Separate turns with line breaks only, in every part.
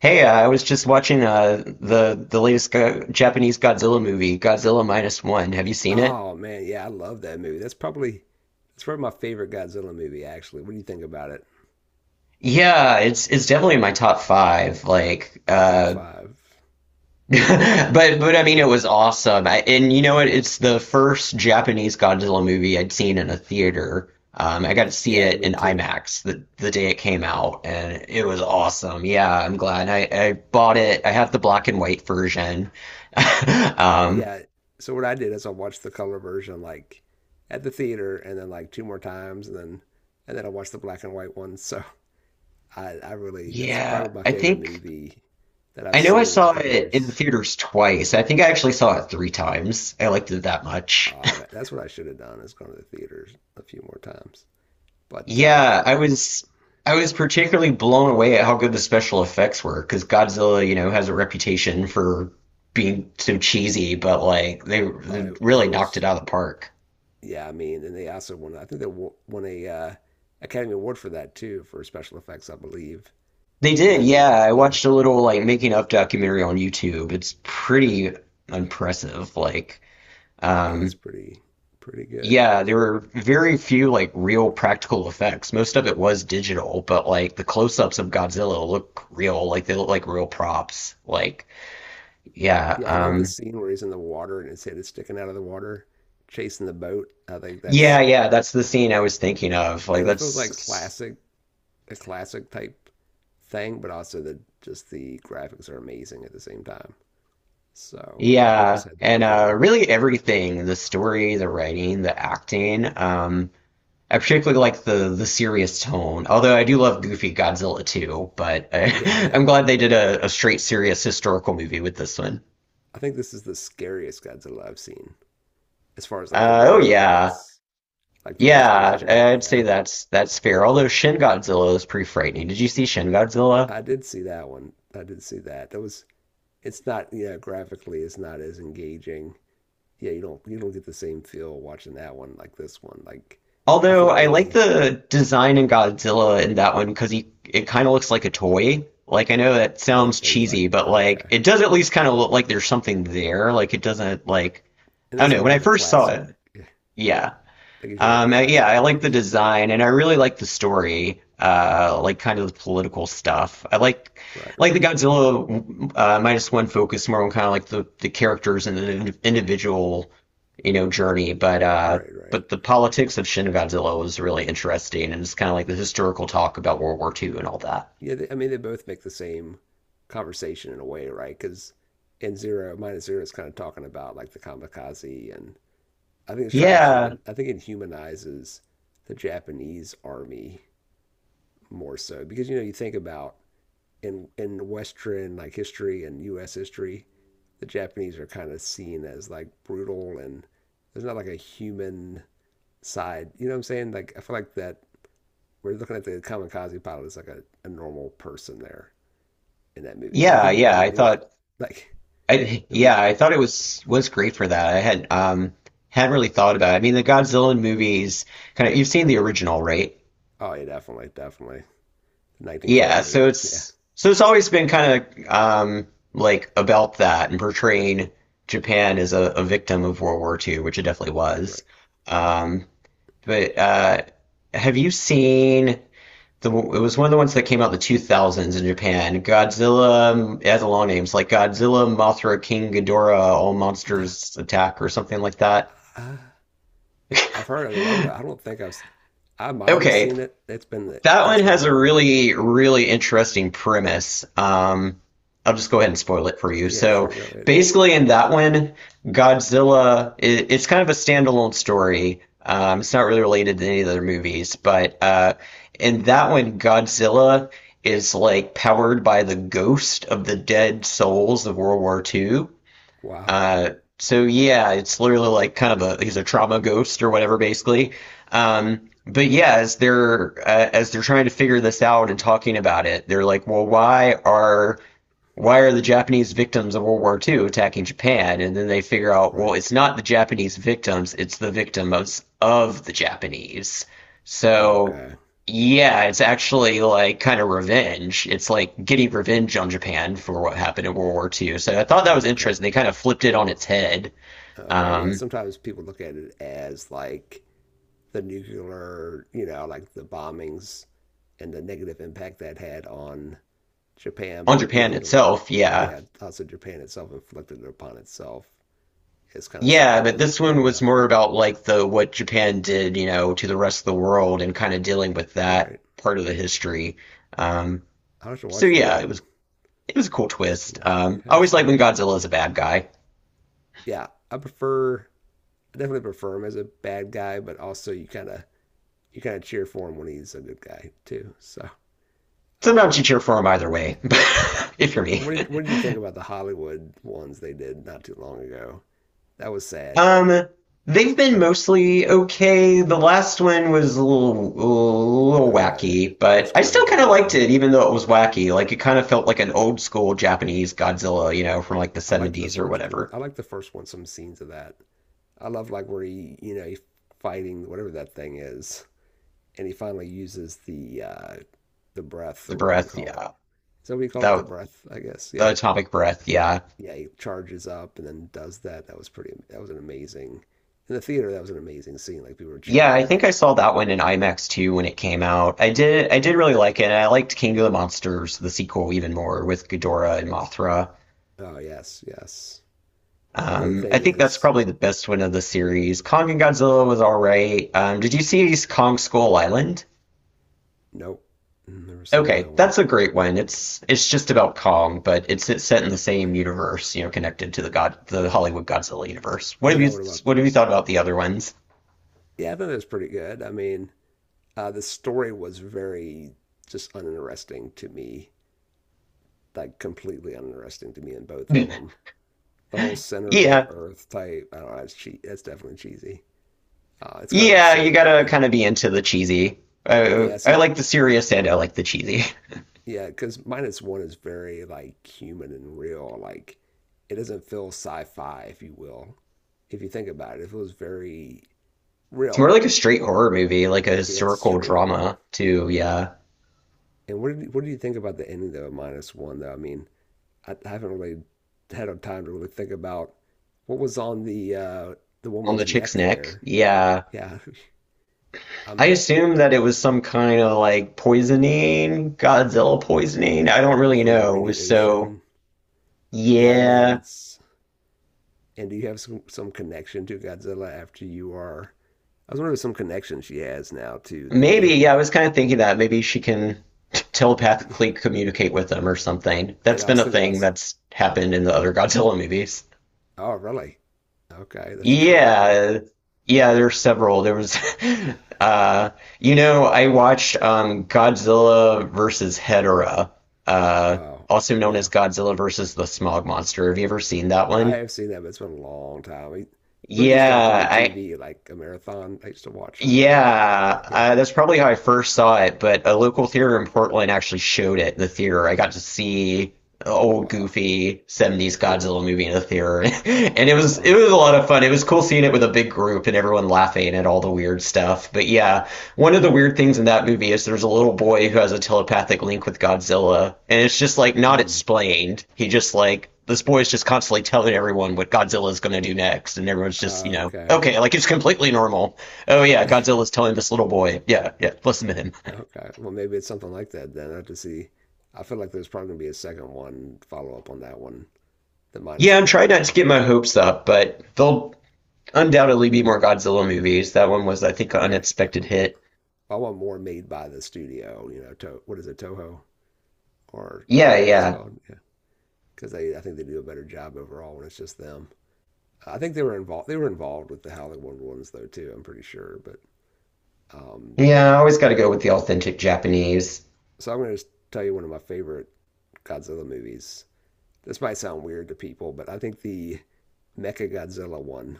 Hey, I was just watching the latest go Japanese Godzilla movie, Godzilla Minus One. Have you seen it?
Oh man, yeah, I love that movie. That's probably my favorite Godzilla movie. Actually, what do you think about it?
Yeah, it's definitely in my top five. Like,
Top five.
but I mean,
Uh,
it was awesome. And you know what? It's the first Japanese Godzilla movie I'd seen in a theater. I got to see
yeah,
it
me
in
too.
IMAX the day it came out, and it was
Wow.
awesome. Yeah, I'm glad I bought it. I have the black and white version. Um,
Yeah. So what I did is I watched the color version like at the theater, and then like two more times, and then I watched the black and white one. So I really, that's
yeah,
probably my
I
favorite
think.
movie that I've
I know I
seen in a
saw
couple
it in the
years.
theaters twice. I think I actually saw it three times. I liked it that much.
Oh, that's what I should have done, is gone to the theaters a few more times. But
Yeah, I was particularly blown away at how good the special effects were because Godzilla, has a reputation for being so cheesy, but like they,
oh,
they
it
really knocked
was.
it out of the park.
Yeah, I mean, and they also won. I think they won a Academy Award for that too, for special effects, I believe,
They
for
did,
that
yeah.
movie.
I
Yeah,
watched a little like making of documentary on YouTube. It's pretty impressive. Like,
yeah, it's
um,
pretty good.
yeah, there were very few like real practical effects. Most of it was digital, but like the close-ups of Godzilla look real, like they look like real props. Like, yeah,
Yeah, I love the scene where he's in the water and his head is sticking out of the water, chasing the boat. I think
yeah,
that's,
yeah, that's the scene I was thinking of. Like
and it feels like
that's
classic, a classic type thing, but also the just the graphics are amazing at the same time. So it
Yeah,
just had that
and
feel.
really everything, the story, the writing, the acting. I particularly like the serious tone. Although I do love goofy Godzilla too, but
But yeah, yeah,
I'm glad they did a straight serious historical movie with this one.
I think this is the scariest Godzilla I've seen, as far as like the way
Oh
he
yeah.
looks, like the way it's
Yeah,
presented.
I'd say
Yeah,
that's fair. Although Shin Godzilla is pretty frightening. Did you see Shin Godzilla?
I did see that one. I did see that. That was. It's not. Yeah, graphically, it's not as engaging. Yeah, you don't. You don't get the same feel watching that one like this one. Like, I
Although
felt
I like
really.
the design in Godzilla in that one because he it kind of looks like a toy. Like I know that
Oh,
sounds
okay, you like.
cheesy, but
Oh,
like
okay,
it does at least kind of look like there's something there. Like it doesn't, like,
and
I don't
that's
know.
more
When
how
I
the
first saw
classic.
it,
Yeah,
yeah.
that gives you like the
Yeah,
classic
I like the
feels.
design and I really like the story, like kind of the political stuff. I like
Right.
like the
Right.
Godzilla minus one focus more on kind of like the characters and the individual, journey. But uh,
Right. Right.
but the politics of Shin Godzilla was really interesting and it's kind of like the historical talk about World War II and all that.
Yeah. They, I mean, they both make the same conversation in a way, right? Because in zero minus zero is kind of talking about like the kamikaze, and I think it's trying to
Yeah,
human. I think it humanizes the Japanese army more so, because you know you think about in Western like history and U.S. history, the Japanese are kind of seen as like brutal, and there's not like a human side. You know what I'm saying? Like I feel like that we're looking at the kamikaze pilot as like a normal person there in that movie, because he
yeah,
didn't
yeah.
want to
I
do it.
thought
Like
I
every
yeah, I thought it was great for that. I hadn't really thought about it. I mean, the Godzilla movies kind of, you've seen the original, right?
oh yeah, definitely, definitely,
Yeah,
1958,
so
yeah,
it's always been kind of like about that and portraying Japan as a victim of World War II, which it definitely was.
right,
Um, but have you seen? It was one of the ones that came out in the 2000s in Japan. Godzilla, it has a long name. It's like Godzilla, Mothra, King Ghidorah, All
right.
Monsters Attack or something like that.
Uh, I've heard of it. But I don't know. I don't think I've. S- I have I might have
Okay,
seen it. It's been,
That one
that's been
has a
long.
really, really interesting premise. I'll just go ahead and spoil it for you.
Yeah,
So
sure. Go ahead.
basically, in that one, Godzilla, it's kind of a standalone story. It's not really related to any of the other movies, but in that one, Godzilla is like powered by the ghost of the dead souls of World War II.
Wow.
Uh, so yeah, it's literally like kind of a he's a trauma ghost or whatever, basically. But yeah, as they're trying to figure this out and talking about it, they're like, well, why are the Japanese victims of World War II attacking Japan? And then they figure out, well,
Right.
it's not the Japanese victims, it's the victims of the Japanese. So,
Okay.
yeah, it's actually like kind of revenge. It's like getting revenge on Japan for what happened in World War II. So I thought that was
Okay.
interesting. They kind of flipped it on its head.
Okay. Yeah.
Um,
Sometimes people look at it as like the nuclear, you know, like the bombings and the negative impact that had on Japan.
on
But yeah,
Japan
you don't.
itself, yeah.
Yeah, also Japan itself inflicted it upon itself. It's kind of
Yeah,
something
but
to
this
think
one was
about.
more about like the what Japan did, to the rest of the world and kind of dealing with that
Right.
part of the history. Um,
I should
So
watch that
yeah, it was
one.
it was a cool twist.
Seen that? I
I
haven't
always like
seen
when
that.
Godzilla is a bad guy.
Yeah, I definitely prefer him as a bad guy, but also you kind of, you kind of cheer for him when he's a good guy too. So,
Sometimes you
um,
cheer for him either way, if you're me.
what did you think about the Hollywood ones they did not too long ago? That was sad.
Um, they've been mostly okay. The last one was a little
Uh,
wacky, but
it's
I still kind of
cringy.
liked
Yeah.
it, even though it was wacky. Like it kind of felt like an old school Japanese Godzilla, from like the
I liked the
70s or
first one. I
whatever.
liked the first one. Some scenes of that. I love like where he, you know, he fighting whatever that thing is, and he finally uses the breath or
The
whatever you
breath,
call it.
yeah.
So we call it the
That,
breath, I guess.
the
Yeah,
atomic breath, yeah.
yeah, he charges up and then does that. That was pretty. That was an amazing. In the theater, that was an amazing scene. Like people were cheering
Yeah,
for
I think
that.
I saw that one in IMAX too when it came out. I did really like it. And I liked King of the Monsters, the sequel, even more with Ghidorah and Mothra.
Oh yes, yes. And the
I
thing
think that's
is,
probably the best one of the series. Kong and Godzilla was all right. Did you see Kong Skull Island?
nope, never saw that
Okay,
one.
that's a great one. It's just about Kong, but it's set in the same universe, connected to the Hollywood Godzilla universe. What
You
have you
know what I'm up?
what have you thought about the other ones?
Yeah, I thought it was pretty good. I mean, the story was very just uninteresting to me. Like completely uninteresting to me in both of them. The whole center of the
Yeah,
earth type. I don't know. That's definitely cheesy. It's kind of
yeah, you
absurd.
gotta kind of be into the cheesy.
Yeah,
I,
yeah. See,
I like the serious and I like the cheesy.
yeah, because minus one is very like human and real. Like it doesn't feel sci-fi, if you will. If you think about it, it feels very
It's more
real.
like a straight horror movie, like a
Yeah, it's
historical
straight up.
drama, too. Yeah.
And what do you think about the ending though of minus one though? I mean, I haven't really had a time to really think about what was on the
On the
woman's
chick's
neck
neck.
there.
Yeah.
Yeah,
I
I'm
assume that it was some kind of like poisoning, Godzilla poisoning. I don't really
from the
know. So,
radiation. Yeah, I imagine
yeah.
it's. And do you have some connection to Godzilla after you are. I was wondering some connection she has now to
Maybe,
the.
yeah, I was kind of thinking that. Maybe she can telepathically communicate with them or something.
And
That's
I
been
was
a
thinking
thing
about,
that's happened in the other Godzilla movies.
oh, really? Okay, that's true. Yeah.
Yeah, yeah, there's several. Uh, I watched Godzilla versus Hedorah, uh,
Oh,
also known as
yeah.
Godzilla versus the Smog Monster. Have you ever seen that
I
one?
have seen that, but it's been a long time. I- Remember they used to all come
Yeah,
on TV like a marathon? I used to watch them. Yeah.
That's probably how I first saw it, but a local theater in Portland actually showed it in the theater. I got to see the old
Wow.
goofy 70s
Full.
Godzilla movie in the theater. And it was it
Wow.
was a lot of fun. It was cool seeing it with a big group and everyone laughing at all the weird stuff. But yeah, one of the weird things in that movie is there's a little boy who has a telepathic link with Godzilla, and it's just like not
Mm.
explained. He just like this boy is just constantly telling everyone what Godzilla's gonna do next, and everyone's just, you know,
Okay.
okay, like it's completely normal. Oh yeah, Godzilla's telling this little boy. Yeah, yeah, listen to him.
Okay. Well, maybe it's something like that then. I have to see. I feel like there's probably gonna be a second one follow up on that one. The minus
Yeah, I'm trying
one.
not to
That
get
would
my hopes up, but there'll undoubtedly be more Godzilla movies. That one was, I think, an
right.
unexpected
Definitely.
hit.
I want more made by the studio. You know, to, what is it, Toho or
Yeah,
whatever it's
yeah.
called? Yeah, because they, I think they do a better job overall when it's just them. I think they were involved. They were involved with the Howling World ones though too. I'm pretty sure. But um,
Yeah, I always gotta go with the authentic Japanese.
so I'm going to just tell you one of my favorite Godzilla movies. This might sound weird to people, but I think the Mechagodzilla one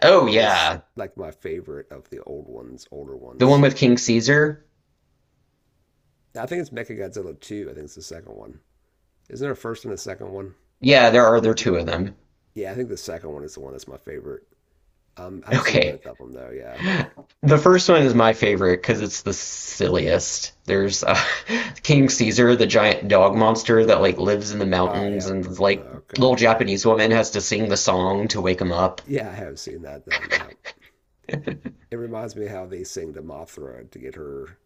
Oh
is
yeah.
like my favorite of the old ones, older
The one
ones.
with King Caesar?
I think it's Mechagodzilla two. I think it's the second one. Isn't there a first and a second one?
Yeah, there are two of them.
Yeah, I think the second one is the one that's my favorite. I've seen
Okay.
both of them though. Yeah.
The first one is my favorite because it's the silliest. There's King Caesar, the giant dog monster that like lives in the
Oh,
mountains,
yeah.
and like little
Okay. Yeah.
Japanese woman has to sing the song to wake him up.
Yeah, I have seen that then. Yeah. It reminds me how they sing to Mothra to get her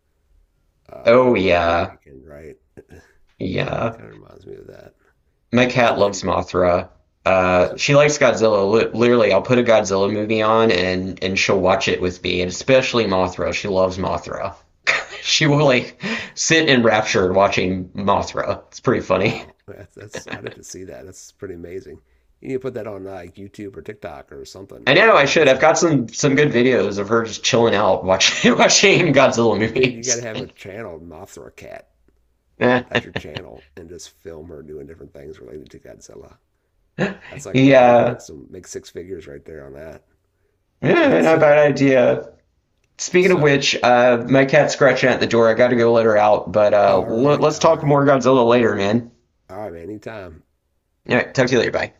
uh,
Oh yeah,
awakened, right?
yeah.
Kind of reminds me of that.
My cat
And
loves
then,
Mothra.
so,
She likes Godzilla. Literally, I'll put a Godzilla movie on and she'll watch it with me, and especially Mothra. She loves Mothra. She will like sit enraptured watching Mothra. It's pretty funny.
wow, that's, I didn't see that. That's pretty amazing. You need to put that on like YouTube or TikTok or something.
I
That'd
know I
probably get
should. I've
some.
got some good videos of her just chilling out watching watching Godzilla
Dude, you got to
movies.
have a channel, Mothra Cat.
Yeah,
That's your channel, and just film her doing different things related to Godzilla. That's like, I mean, you can
yeah,
make some make six figures right there on that. But
not a bad idea. Speaking of
so,
which, my cat's scratching at the door. I got to go let her out, but
all right,
let's
all
talk
right,
more Godzilla later, man.
all right, anytime.
All right, talk to you later. Bye.